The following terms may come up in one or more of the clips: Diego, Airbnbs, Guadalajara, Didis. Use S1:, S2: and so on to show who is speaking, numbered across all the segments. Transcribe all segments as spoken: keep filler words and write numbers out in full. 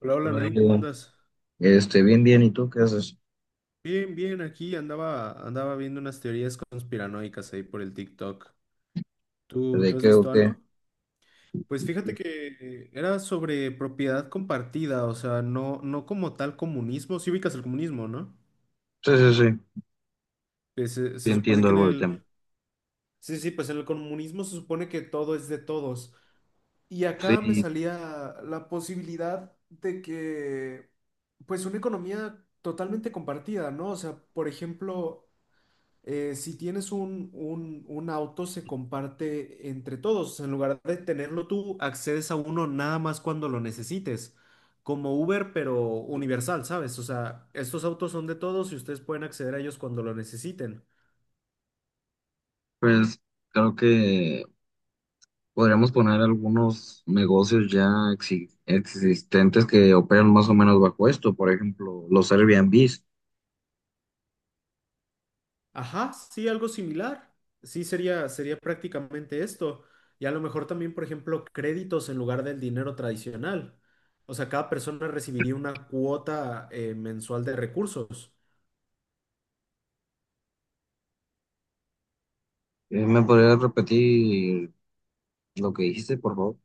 S1: Hola, hola
S2: Hola,
S1: Nain, ¿cómo
S2: Diego.
S1: andas?
S2: Este, bien, bien, ¿y tú qué haces?
S1: Bien, bien, aquí andaba, andaba viendo unas teorías conspiranoicas ahí por el TikTok. ¿Tú,
S2: ¿De
S1: tú has
S2: qué o
S1: visto
S2: qué?
S1: algo? Pues fíjate
S2: Sí,
S1: que era sobre propiedad compartida, o sea, no, no como tal comunismo. Sí ubicas el comunismo, ¿no?
S2: sí, sí,
S1: Que se,
S2: sí,
S1: se supone
S2: entiendo
S1: que en
S2: algo del
S1: el...
S2: tema.
S1: Sí, sí, pues en el comunismo se supone que todo es de todos. Y acá me
S2: Sí,
S1: salía la posibilidad de que, pues, una economía totalmente compartida, ¿no? O sea, por ejemplo... eh, si tienes un, un, un auto, se comparte entre todos. En lugar de tenerlo tú, accedes a uno nada más cuando lo necesites. Como Uber, pero universal, ¿sabes? O sea, estos autos son de todos y ustedes pueden acceder a ellos cuando lo necesiten.
S2: pues creo que podríamos poner algunos negocios ya exi- existentes que operan más o menos bajo esto, por ejemplo, los Airbnbs.
S1: Ajá, sí, algo similar. Sí, sería, sería prácticamente esto. Y a lo mejor también, por ejemplo, créditos en lugar del dinero tradicional. O sea, cada persona recibiría una cuota eh, mensual de recursos.
S2: Eh, ¿Me podrías repetir lo que dijiste, por favor?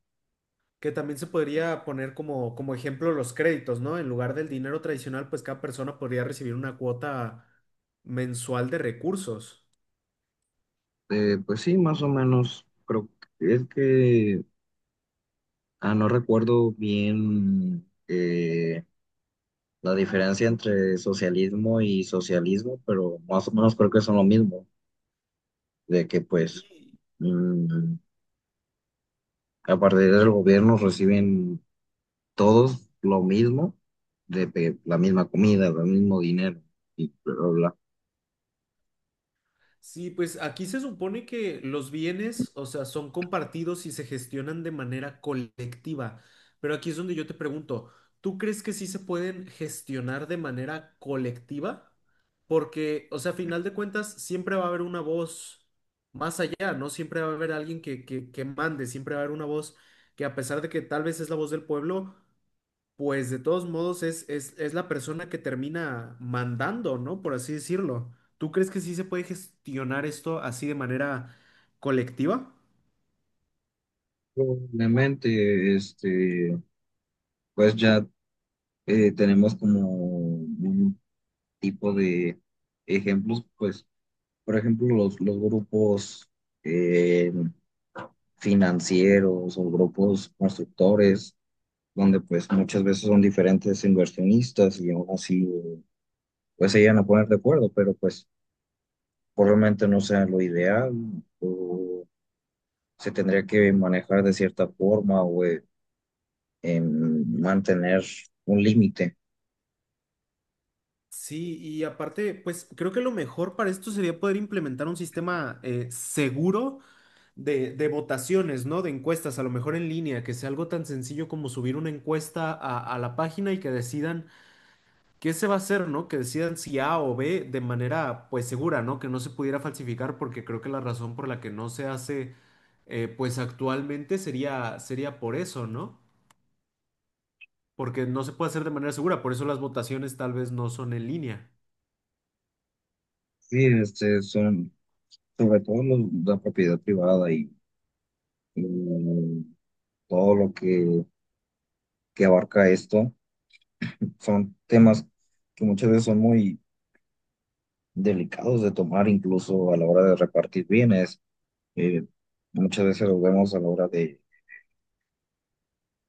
S1: Que también se podría poner como, como ejemplo los créditos, ¿no? En lugar del dinero tradicional, pues cada persona podría recibir una cuota mensual de recursos.
S2: Eh, pues sí, más o menos, creo que es que, ah, no recuerdo bien eh, la diferencia entre socialismo y socialismo, pero más o menos creo que son lo mismo, de que pues
S1: Sí,
S2: mm, a partir del gobierno reciben todos lo mismo, de pe- la misma comida, el mismo dinero y bla, bla, bla.
S1: sí, pues aquí se supone que los bienes, o sea, son compartidos y se gestionan de manera colectiva. Pero aquí es donde yo te pregunto, ¿tú crees que sí se pueden gestionar de manera colectiva? Porque, o sea, a final de cuentas, siempre va a haber una voz más allá, ¿no? Siempre va a haber alguien que, que, que mande, siempre va a haber una voz que a pesar de que tal vez es la voz del pueblo, pues de todos modos es, es, es la persona que termina mandando, ¿no? Por así decirlo. ¿Tú crees que sí se puede gestionar esto así de manera colectiva?
S2: Probablemente, este, pues ya eh, tenemos como un tipo de ejemplos, pues por ejemplo, los, los grupos eh, financieros o grupos constructores, donde pues muchas veces son diferentes inversionistas y aún así pues se llegan a poner de acuerdo, pero pues probablemente no sea lo ideal o se tendría que manejar de cierta forma o eh, em, mantener un límite.
S1: Sí, y aparte, pues creo que lo mejor para esto sería poder implementar un sistema eh, seguro de, de votaciones, ¿no? De encuestas, a lo mejor en línea, que sea algo tan sencillo como subir una encuesta a, a la página y que decidan ¿qué se va a hacer, no? Que decidan si A o B de manera, pues, segura, ¿no? Que no se pudiera falsificar, porque creo que la razón por la que no se hace, eh, pues, actualmente sería, sería por eso, ¿no? Porque no se puede hacer de manera segura, por eso las votaciones tal vez no son en línea.
S2: Sí, este son sobre todo los- la propiedad privada y, y todo lo que, que abarca esto. Son temas que muchas veces son muy delicados de tomar, incluso a la hora de repartir bienes. Eh, muchas veces los vemos a la hora de,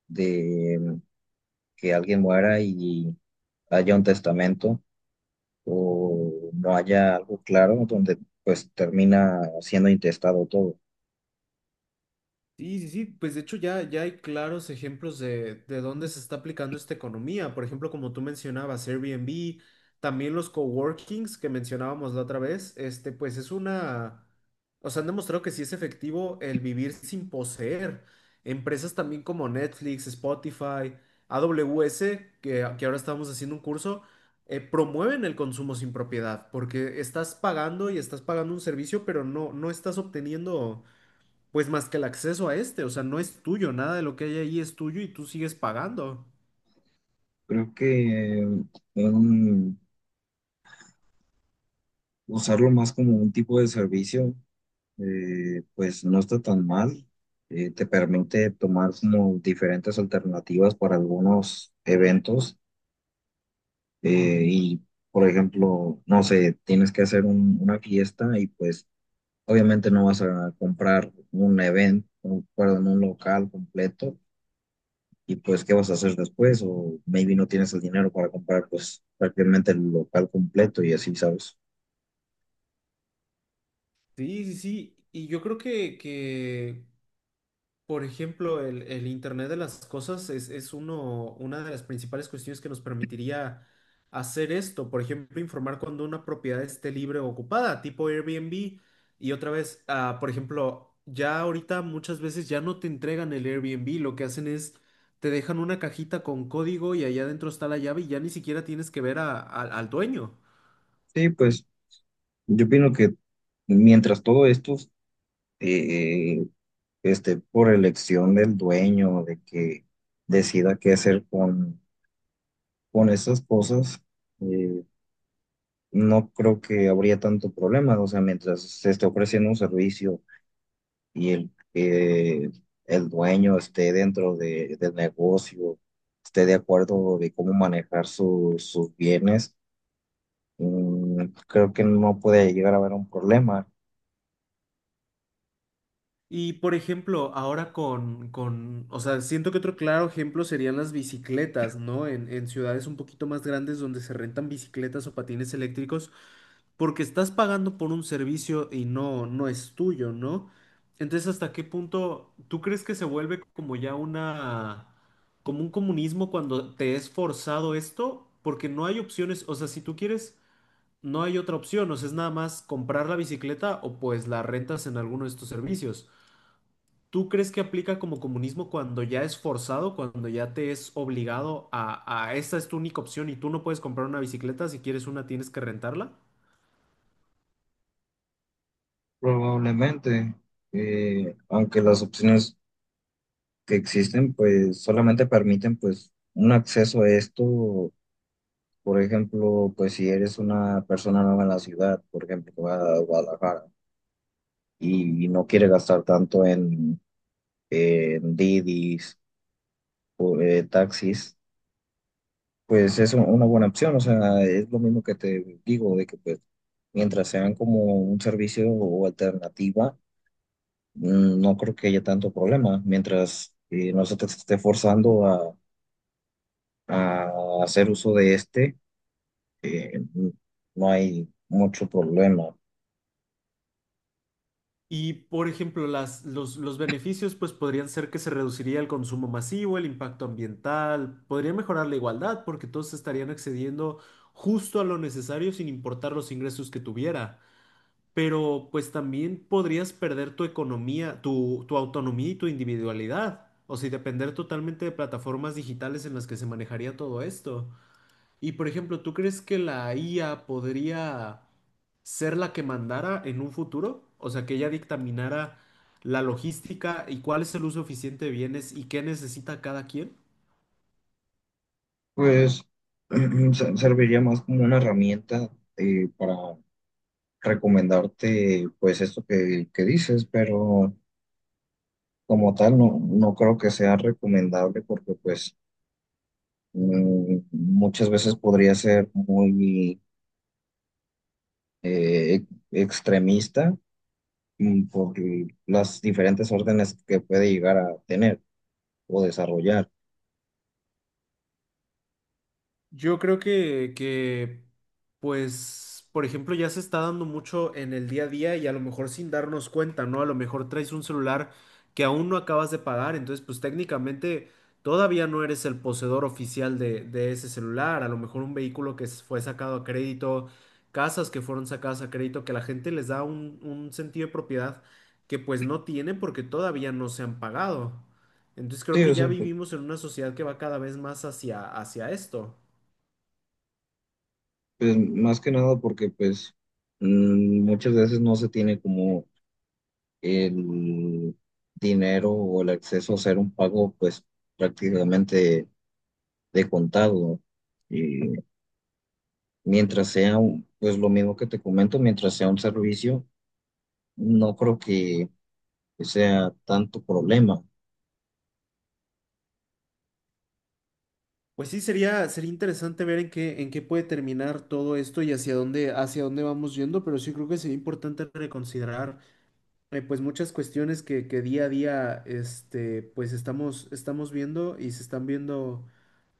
S2: de que alguien muera y haya un testamento o no haya algo claro donde pues termina siendo intestado todo.
S1: Sí, sí, sí, pues de hecho ya, ya hay claros ejemplos de, de dónde se está aplicando esta economía. Por ejemplo, como tú mencionabas, Airbnb, también los coworkings que mencionábamos la otra vez, este, pues es una, o sea, han demostrado que sí es efectivo el vivir sin poseer. Empresas también como Netflix, Spotify, A W S, que, que ahora estamos haciendo un curso, eh, promueven el consumo sin propiedad, porque estás pagando y estás pagando un servicio, pero no, no estás obteniendo pues más que el acceso a este, o sea, no es tuyo, nada de lo que hay ahí es tuyo y tú sigues pagando.
S2: Creo que eh, un- usarlo más como un tipo de servicio, eh, pues no está tan mal. Eh, te permite tomar como diferentes alternativas para algunos eventos. eh, y, por ejemplo, no sé, tienes que hacer un- una fiesta y pues obviamente no vas a comprar un evento, un perdón, un local completo. Y pues, ¿qué vas a hacer después? O maybe no tienes el dinero para comprar pues prácticamente el local completo y así, ¿sabes?
S1: Sí, sí, sí. Y yo creo que, que por ejemplo, el, el Internet de las cosas es, es uno, una de las principales cuestiones que nos permitiría hacer esto. Por ejemplo, informar cuando una propiedad esté libre o ocupada, tipo Airbnb. Y otra vez, ah, por ejemplo, ya ahorita muchas veces ya no te entregan el Airbnb, lo que hacen es te dejan una cajita con código y allá adentro está la llave y ya ni siquiera tienes que ver a- al al dueño.
S2: Sí, pues yo opino que mientras todo esto… eh, este, por elección del dueño, de que decida qué hacer con, con esas cosas, eh, no creo que habría tanto problema. O sea, mientras se esté ofreciendo un servicio y el, eh, el dueño esté dentro de, del negocio, esté de acuerdo de cómo manejar su- sus bienes. Mm, creo que no puede llegar a haber un problema.
S1: Y por ejemplo, ahora con, con, o sea, siento que otro claro ejemplo serían las bicicletas, ¿no? En, en ciudades un poquito más grandes donde se rentan bicicletas o patines eléctricos, porque estás pagando por un servicio y no, no es tuyo, ¿no? Entonces, ¿hasta qué punto tú crees que se vuelve como ya una, como un comunismo cuando te es forzado esto? Porque no hay opciones, o sea, si tú quieres, no hay otra opción, o sea, es nada más comprar la bicicleta o pues la rentas en alguno de estos servicios. ¿Tú crees que aplica como comunismo cuando ya es forzado, cuando ya te es obligado a, a esta es tu única opción y tú no puedes comprar una bicicleta, si quieres una tienes que rentarla?
S2: Probablemente, eh, aunque las opciones que existen pues solamente permiten pues un acceso a esto, por ejemplo, pues si eres una persona nueva en la ciudad, por ejemplo, que va a Guadalajara y no quiere gastar tanto en, en Didis, eh, taxis, pues es un- una buena opción. O sea, es lo mismo que te digo, de que pues mientras sean como un servicio o alternativa, mm, no creo que haya tanto problema, mientras eh, no se te esté forzando a a hacer uso de este, eh, no hay mucho problema.
S1: Y por ejemplo, las, los, los beneficios pues podrían ser que se reduciría el consumo masivo, el impacto ambiental, podría mejorar la igualdad porque todos estarían accediendo justo a lo necesario sin importar los ingresos que tuviera. Pero pues también podrías perder tu economía, tu, tu autonomía y tu individualidad, o si depender totalmente de plataformas digitales en las que se manejaría todo esto. Y por ejemplo, ¿tú crees que la I A podría ser la que mandara en un futuro? O sea, que ella dictaminara la logística y cuál es el uso eficiente de bienes y qué necesita cada quien.
S2: Pues se- serviría más como una herramienta eh, para recomendarte pues esto que, que dices, pero como tal no, no creo que sea recomendable porque pues mm, muchas veces podría ser muy eh, e- extremista, mm, por las diferentes órdenes que puede llegar a tener o desarrollar.
S1: Yo creo que, que, pues, por ejemplo, ya se está dando mucho en el día a día y a lo mejor sin darnos cuenta, ¿no? A lo mejor traes un celular que aún no acabas de pagar, entonces, pues técnicamente todavía no eres el poseedor oficial de, de ese celular, a lo mejor un vehículo que s- fue sacado a crédito, casas que fueron sacadas a crédito, que la gente les da un, un sentido de propiedad que pues no tiene porque todavía no se han pagado. Entonces creo
S2: Sí,
S1: que
S2: o
S1: ya
S2: sea,
S1: vivimos en una sociedad que va cada vez más hacia, hacia esto.
S2: pues más que nada porque pues mm, muchas veces no se tiene como el dinero o el acceso a hacer un pago pues prácticamente de contado. Y mientras sea un- pues lo mismo que te comento, mientras sea un servicio, no creo que sea tanto problema.
S1: Pues sí, sería, sería interesante ver en qué, en qué puede terminar todo esto y hacia dónde, hacia dónde vamos yendo, pero sí creo que sería importante reconsiderar eh, pues muchas cuestiones que, que día a día este, pues estamos, estamos viendo y se están viendo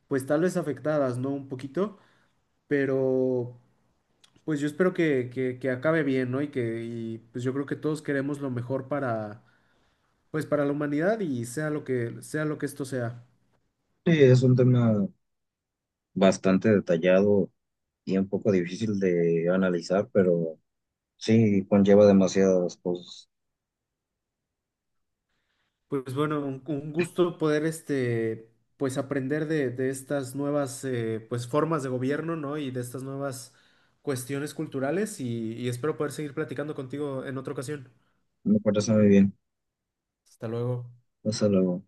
S1: pues tal vez afectadas, ¿no? Un poquito, pero pues yo espero que, que, que acabe bien, ¿no? Y que y, pues yo creo que todos queremos lo mejor para pues para la humanidad y sea lo que, sea lo que esto sea.
S2: Sí, es un tema bastante detallado y un poco difícil de analizar, pero sí conlleva demasiadas cosas.
S1: Pues bueno, un, un gusto poder este, pues aprender de, de estas nuevas eh, pues formas de gobierno, ¿no? Y de estas nuevas cuestiones culturales y, y espero poder seguir platicando contigo en otra ocasión.
S2: Me parece muy bien.
S1: Hasta luego.
S2: Hasta luego.